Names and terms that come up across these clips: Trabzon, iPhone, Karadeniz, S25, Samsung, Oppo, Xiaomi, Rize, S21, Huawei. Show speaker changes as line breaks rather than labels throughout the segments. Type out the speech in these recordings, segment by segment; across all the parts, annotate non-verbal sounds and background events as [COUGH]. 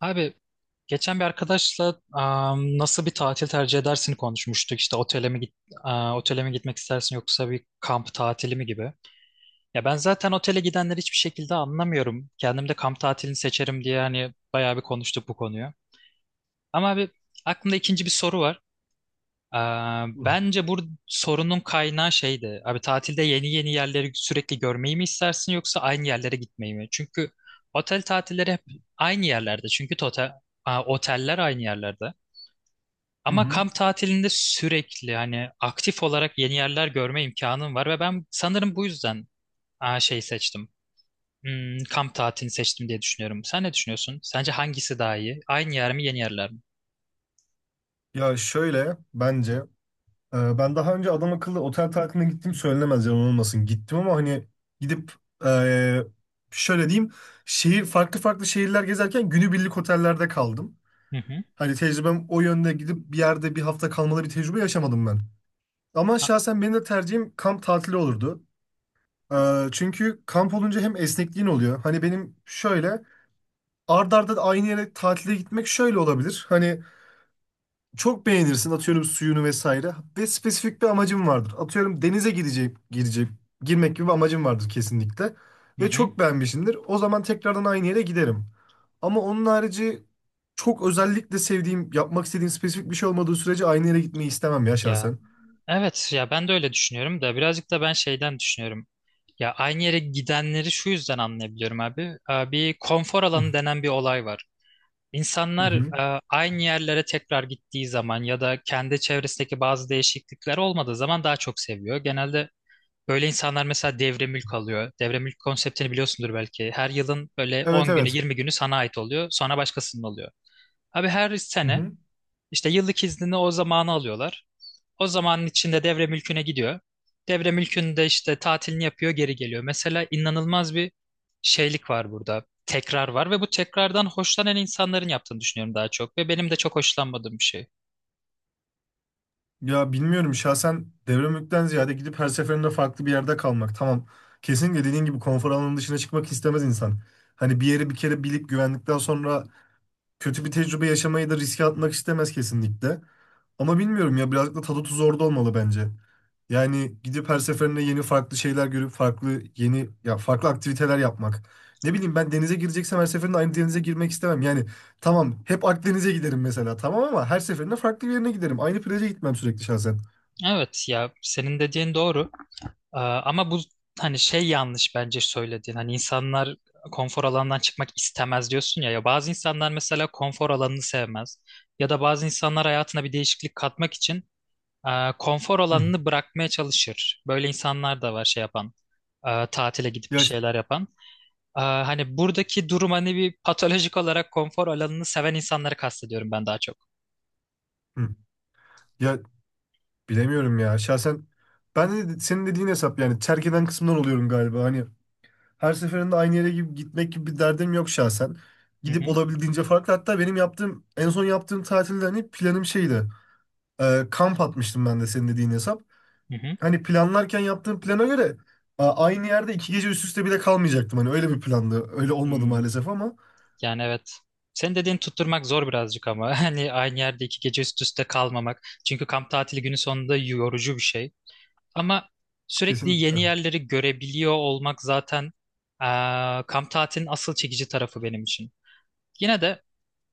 Abi geçen bir arkadaşla nasıl bir tatil tercih edersin konuşmuştuk. İşte otele mi gitmek istersin yoksa bir kamp tatili mi gibi. Ya ben zaten otele gidenleri hiçbir şekilde anlamıyorum. Kendim de kamp tatilini seçerim diye hani bayağı bir konuştuk bu konuyu. Ama abi aklımda ikinci bir soru var. Ee,
Hı
Bence bu sorunun kaynağı şeydi. Abi tatilde yeni yeni yerleri sürekli görmeyi mi istersin yoksa aynı yerlere gitmeyi mi? Çünkü otel tatilleri hep aynı yerlerde. Çünkü oteller aynı yerlerde. Ama
hı.
kamp tatilinde sürekli hani aktif olarak yeni yerler görme imkanım var ve ben sanırım bu yüzden şey seçtim. Kamp tatilini seçtim diye düşünüyorum. Sen ne düşünüyorsun? Sence hangisi daha iyi? Aynı yer mi, yeni yerler mi?
Ya şöyle bence ben daha önce adam akıllı otel tatiline gittim söylenemez yalan olmasın. Gittim ama hani gidip e, şöyle diyeyim farklı farklı şehirler gezerken günübirlik otellerde kaldım.
Hı hı.
Hani tecrübem o yönde gidip bir yerde bir hafta kalmalı bir tecrübe yaşamadım ben. Ama
Ha.
şahsen benim de tercihim kamp tatili olurdu. Çünkü kamp olunca hem esnekliğin oluyor. Hani benim şöyle ard arda aynı yere tatile gitmek şöyle olabilir. Hani çok beğenirsin atıyorum suyunu vesaire ve spesifik bir amacın vardır. Atıyorum denize gidecek, girecek, girmek gibi bir amacın vardır kesinlikle
Hı
ve
hı.
çok beğenmişsindir. O zaman tekrardan aynı yere giderim. Ama onun harici çok özellikle sevdiğim, yapmak istediğim spesifik bir şey olmadığı sürece aynı yere gitmeyi istemem ya
Ya.
şahsen.
Evet ya ben de öyle düşünüyorum da birazcık da ben şeyden düşünüyorum. Ya aynı yere gidenleri şu yüzden anlayabiliyorum abi. Bir konfor alanı denen bir olay var.
Hı
İnsanlar
hı.
aynı yerlere tekrar gittiği zaman ya da kendi çevresindeki bazı değişiklikler olmadığı zaman daha çok seviyor. Genelde böyle insanlar mesela devre mülk alıyor. Devre mülk konseptini biliyorsundur belki. Her yılın böyle
Evet
10 günü
evet.
20 günü sana ait oluyor, sonra başkasının oluyor. Abi her
Hı
sene
hı.
işte yıllık iznini o zamanı alıyorlar. O zamanın içinde devre mülküne gidiyor. Devre mülkünde işte tatilini yapıyor, geri geliyor. Mesela inanılmaz bir şeylik var burada. Tekrar var ve bu tekrardan hoşlanan insanların yaptığını düşünüyorum daha çok ve benim de çok hoşlanmadığım bir şey.
Ya bilmiyorum şahsen devre ziyade gidip her seferinde farklı bir yerde kalmak. Tamam. Kesinlikle dediğin gibi konfor alanının dışına çıkmak istemez insan. Hani bir yeri bir kere bilip güvendikten sonra kötü bir tecrübe yaşamayı da riske atmak istemez kesinlikle. Ama bilmiyorum ya birazcık da tadı tuzu orada olmalı bence. Yani gidip her seferinde yeni farklı şeyler görüp farklı yeni ya farklı aktiviteler yapmak. Ne bileyim ben denize gireceksem her seferinde aynı denize girmek istemem. Yani tamam hep Akdeniz'e giderim mesela tamam ama her seferinde farklı bir yerine giderim. Aynı plaja gitmem sürekli şahsen.
Evet ya senin dediğin doğru. Ama bu hani şey yanlış bence söylediğin. Hani insanlar konfor alanından çıkmak istemez diyorsun ya. Ya bazı insanlar mesela konfor alanını sevmez. Ya da bazı insanlar hayatına bir değişiklik katmak için konfor
Hı.
alanını bırakmaya çalışır. Böyle insanlar da var, şey yapan, tatile gidip bir
Ya, ş-
şeyler yapan. Hani buradaki durum hani bir patolojik olarak konfor alanını seven insanları kastediyorum ben daha çok.
hı. Ya bilemiyorum ya şahsen ben de senin dediğin hesap yani terk eden kısımdan oluyorum galiba. Hani her seferinde aynı yere gibi gitmek gibi bir derdim yok şahsen.
Hı
Gidip
hı,
olabildiğince farklı. Hatta benim yaptığım en son yaptığım tatilde hani planım şeydi. Kamp atmıştım ben de senin dediğin hesap.
hı hı.
Hani planlarken yaptığım plana göre aynı yerde iki gece üst üste bile kalmayacaktım. Hani öyle bir plandı. Öyle olmadı
Hmm,
maalesef ama
Yani evet. Senin dediğin tutturmak zor birazcık ama [LAUGHS] hani aynı yerde 2 gece üst üste kalmamak. Çünkü kamp tatili günü sonunda yorucu bir şey. Ama sürekli yeni
kesinlikle.
yerleri görebiliyor olmak zaten e, kamp tatilinin asıl çekici tarafı benim için. Yine de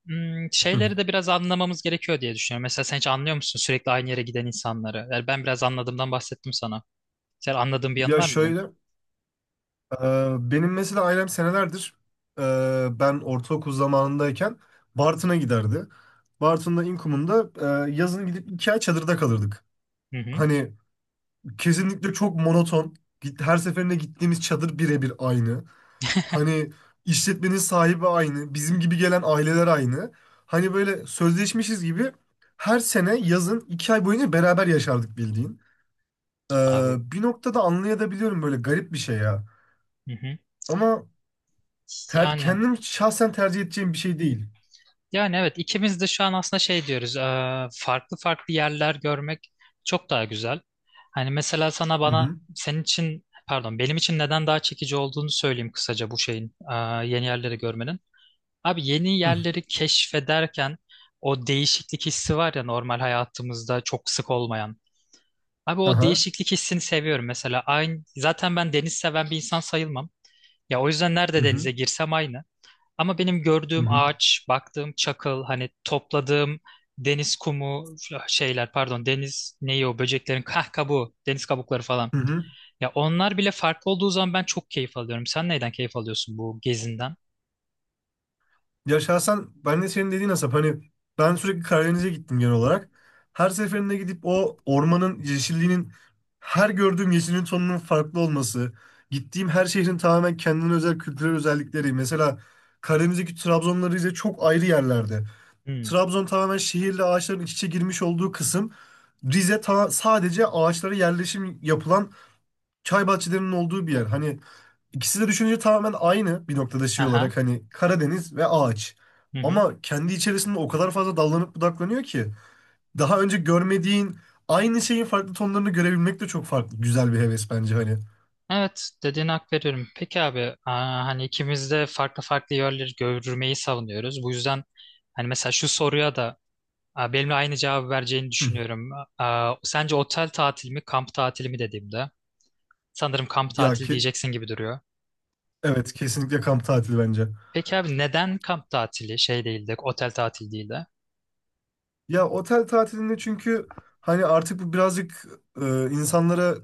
Hı.
Şeyleri de biraz anlamamız gerekiyor diye düşünüyorum. Mesela sen hiç anlıyor musun sürekli aynı yere giden insanları? Yani ben biraz anladığımdan bahsettim sana. Sen anladığın bir yanı
Ya
var mı bunun?
şöyle benim mesela ailem senelerdir ben ortaokul zamanındayken Bartın'a giderdi. Bartın'da İnkum'unda yazın gidip 2 ay çadırda kalırdık.
Hı hı.
Hani kesinlikle çok monoton. Her seferinde gittiğimiz çadır birebir aynı. Hani işletmenin sahibi aynı. Bizim gibi gelen aileler aynı. Hani böyle sözleşmişiz gibi her sene yazın 2 ay boyunca beraber yaşardık bildiğin.
Abi.
Bir noktada anlayabiliyorum böyle garip bir şey ya.
Hı hı.
Ama
Yani
kendim şahsen tercih edeceğim bir şey değil.
yani evet, ikimiz de şu an aslında şey diyoruz. Farklı farklı yerler görmek çok daha güzel. Hani mesela sana,
Hı
bana,
hı.
senin için pardon benim için neden daha çekici olduğunu söyleyeyim kısaca bu şeyin, yeni yerleri görmenin. Abi yeni
Hı.
yerleri keşfederken o değişiklik hissi var ya, normal hayatımızda çok sık olmayan. Abi o
Aha.
değişiklik hissini seviyorum mesela. Aynı, zaten ben deniz seven bir insan sayılmam. Ya o yüzden
Hı
nerede denize
hı.
girsem aynı. Ama benim
Hı
gördüğüm
hı.
ağaç, baktığım çakıl, hani topladığım deniz kumu, şeyler pardon deniz neyi, o böceklerin kabuğu, deniz kabukları falan.
Hı hı.
Ya onlar bile farklı olduğu zaman ben çok keyif alıyorum. Sen neyden keyif alıyorsun bu gezinden?
Ya şahsen ben de senin dediğin Asap hani ben sürekli Karadeniz'e gittim genel olarak. Her seferinde gidip o ormanın yeşilliğinin her gördüğüm yeşilin tonunun farklı olması, gittiğim her şehrin tamamen kendine özel kültürel özellikleri. Mesela Karadeniz'deki Trabzon'la Rize çok ayrı yerlerde.
Hmm.
Trabzon tamamen şehirle ağaçların iç içe girmiş olduğu kısım. Rize sadece ağaçlara yerleşim yapılan çay bahçelerinin olduğu bir yer. Hani İkisi de düşününce tamamen aynı bir noktada şey
Aha.
olarak hani Karadeniz ve ağaç.
Hı hı.
Ama kendi içerisinde o kadar fazla dallanıp budaklanıyor ki daha önce görmediğin aynı şeyin farklı tonlarını görebilmek de çok farklı. Güzel bir heves bence hani.
Evet, dediğine hak veriyorum. Peki abi, hani ikimiz de farklı farklı yerleri görmeyi savunuyoruz. Bu yüzden hani mesela şu soruya da benimle aynı cevabı vereceğini
Hı.
düşünüyorum. Sence otel tatili mi, kamp tatili mi dediğimde sanırım kamp
Ya
tatili
ki
diyeceksin gibi duruyor.
evet kesinlikle kamp tatili bence.
Peki abi neden kamp tatili şey değil de, otel tatili değil de?
Ya otel tatilinde çünkü hani artık bu birazcık insanlara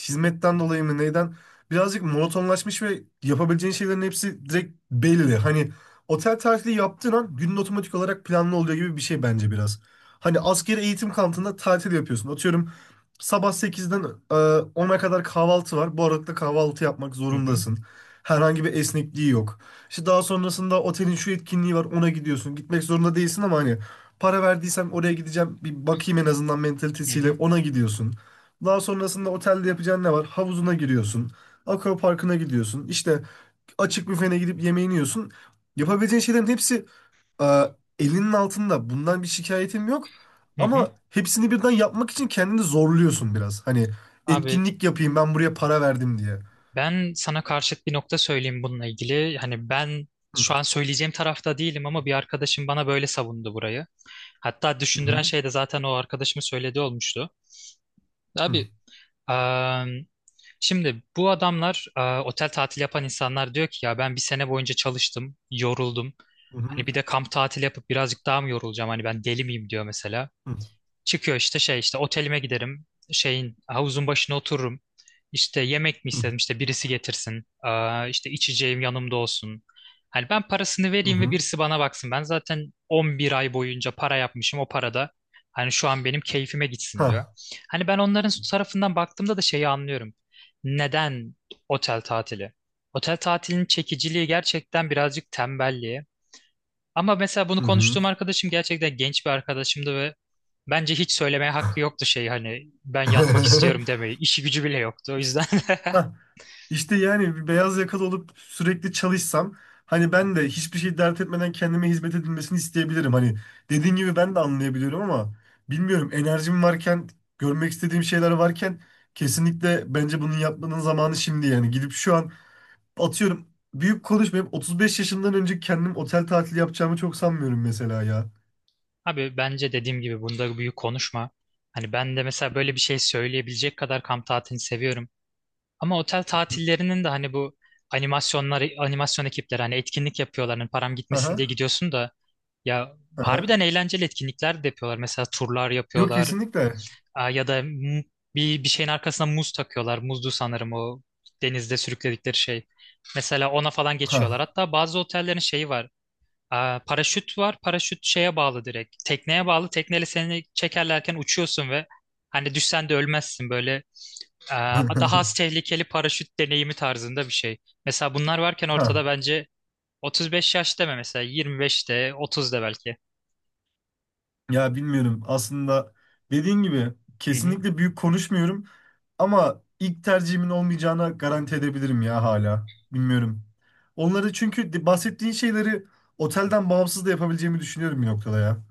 hizmetten dolayı mı neyden birazcık monotonlaşmış ve yapabileceğin şeylerin hepsi direkt belli. Hani otel tatili yaptığın an günün otomatik olarak planlı oluyor gibi bir şey bence biraz. Hani askeri eğitim kampında tatil yapıyorsun. Atıyorum sabah sekizden e, 10'a kadar kahvaltı var. Bu arada kahvaltı yapmak
Hı hı,
zorundasın. Herhangi bir esnekliği yok. İşte daha sonrasında otelin şu etkinliği var ona gidiyorsun. Gitmek zorunda değilsin ama hani para verdiysem oraya gideceğim. Bir bakayım en azından
hı
mentalitesiyle
hı,
ona gidiyorsun. Daha sonrasında otelde yapacağın ne var? Havuzuna giriyorsun. Akvaparkına gidiyorsun. İşte açık büfene gidip yemeğini yiyorsun. Yapabileceğin şeylerin hepsi e, elinin altında. Bundan bir şikayetim yok.
hı hı.
Ama hepsini birden yapmak için kendini zorluyorsun biraz. Hani
Abi,
etkinlik yapayım ben buraya para verdim diye.
ben sana karşıt bir nokta söyleyeyim bununla ilgili. Hani ben
Hı
şu an söyleyeceğim tarafta değilim ama bir arkadaşım bana böyle savundu burayı. Hatta düşündüren
hı
şey de zaten o arkadaşımın söylediği olmuştu.
hı
Abi eee, şimdi bu adamlar, otel tatili yapan insanlar, diyor ki ya ben bir sene boyunca çalıştım, yoruldum. Hani bir de
hı
kamp tatili yapıp birazcık daha mı yorulacağım? Hani ben deli miyim diyor mesela.
hı
Çıkıyor işte, şey işte, otelime giderim. Şeyin havuzun başına otururum. İşte yemek mi
hı
istedim, işte birisi getirsin. İşte içeceğim yanımda olsun. Hani ben parasını
hı
vereyim ve
hı.
birisi bana baksın. Ben zaten 11 ay boyunca para yapmışım o parada. Hani şu an benim keyfime gitsin diyor.
Ha.
Hani ben onların tarafından baktığımda da şeyi anlıyorum. Neden otel tatili? Otel tatilinin çekiciliği gerçekten birazcık tembelliğe. Ama mesela bunu
Hı hı.
konuştuğum arkadaşım gerçekten genç bir arkadaşımdı ve bence hiç söylemeye hakkı yoktu şey, hani ben yatmak istiyorum
[LAUGHS]
demeyi. İşi gücü bile yoktu o yüzden.
İşte,
[LAUGHS]
ha, işte yani bir beyaz yakalı olup sürekli çalışsam hani ben de hiçbir şey dert etmeden kendime hizmet edilmesini isteyebilirim. Hani dediğin gibi ben de anlayabiliyorum ama bilmiyorum enerjim varken görmek istediğim şeyler varken kesinlikle bence bunun yapmanın zamanı şimdi yani gidip şu an atıyorum büyük konuşmayıp 35 yaşından önce kendim otel tatili yapacağımı çok sanmıyorum mesela ya.
Abi bence dediğim gibi bunda büyük konuşma. Hani ben de mesela
Hı
böyle
hı.
bir şey söyleyebilecek kadar kamp tatilini seviyorum. Ama otel tatillerinin de hani bu animasyonlar, animasyon ekipleri hani etkinlik yapıyorlar. Hani param gitmesin diye
Aha,
gidiyorsun da. Ya
aha.
harbiden eğlenceli etkinlikler de yapıyorlar. Mesela turlar
Yok
yapıyorlar.
kesinlikle.
Ya da bir şeyin arkasına muz takıyorlar. Muzdu sanırım o denizde sürükledikleri şey. Mesela ona falan geçiyorlar.
Ha.
Hatta bazı otellerin şeyi var. Paraşüt var. Paraşüt şeye bağlı direkt. Tekneye bağlı. Tekneyle seni çekerlerken uçuyorsun ve hani düşsen de ölmezsin böyle. Daha az
[LAUGHS]
tehlikeli paraşüt deneyimi tarzında bir şey. Mesela bunlar varken ortada
Ha.
bence 35 yaş deme, mesela 25'te, 30'da belki.
Ya bilmiyorum. Aslında dediğin gibi
Hı hı.
kesinlikle büyük konuşmuyorum ama ilk tercihimin olmayacağına garanti edebilirim ya hala. Bilmiyorum. Onları çünkü bahsettiğin şeyleri otelden bağımsız da yapabileceğimi düşünüyorum bir noktada ya.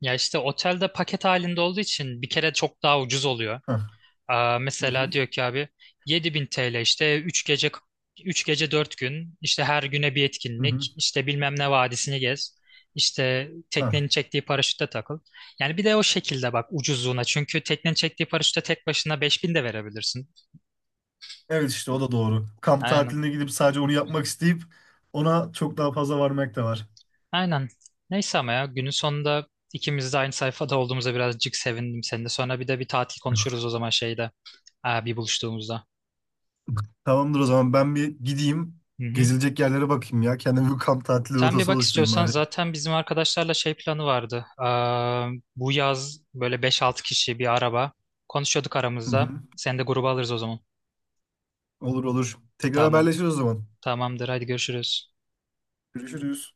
Ya işte otelde paket halinde olduğu için bir kere çok daha ucuz oluyor.
Hah. Hı
Mesela
hı.
diyor ki abi, 7.000 TL işte üç gece 4 gün, işte her güne bir
Hı hı.
etkinlik, işte bilmem ne vadisini gez, işte
Hah.
teknenin çektiği paraşütte takıl. Yani bir de o şekilde bak ucuzluğuna, çünkü teknenin çektiği paraşütte tek başına 5.000 de verebilirsin.
Evet işte o da doğru. Kamp
Aynen,
tatiline gidip sadece onu yapmak isteyip ona çok daha fazla varmak da var.
aynen, neyse ama ya günün sonunda ikimiz de aynı sayfada olduğumuza birazcık sevindim. Seninle sonra bir de bir tatil konuşuruz o
[LAUGHS]
zaman, şeyde bir buluştuğumuzda.
Tamamdır o zaman ben bir gideyim.
Hı hı.
Gezilecek yerlere bakayım ya. Kendime bir kamp tatili
Sen bir
rotası
bak
oluşturayım
istiyorsan,
bari.
zaten bizim arkadaşlarla şey planı vardı. Bu yaz böyle beş altı kişi bir araba. Konuşuyorduk
Hı
aramızda.
hı.
Seni de gruba alırız o zaman.
Olur olur. Tekrar
Tamam.
haberleşiriz o zaman.
Tamamdır. Hadi görüşürüz.
Görüşürüz.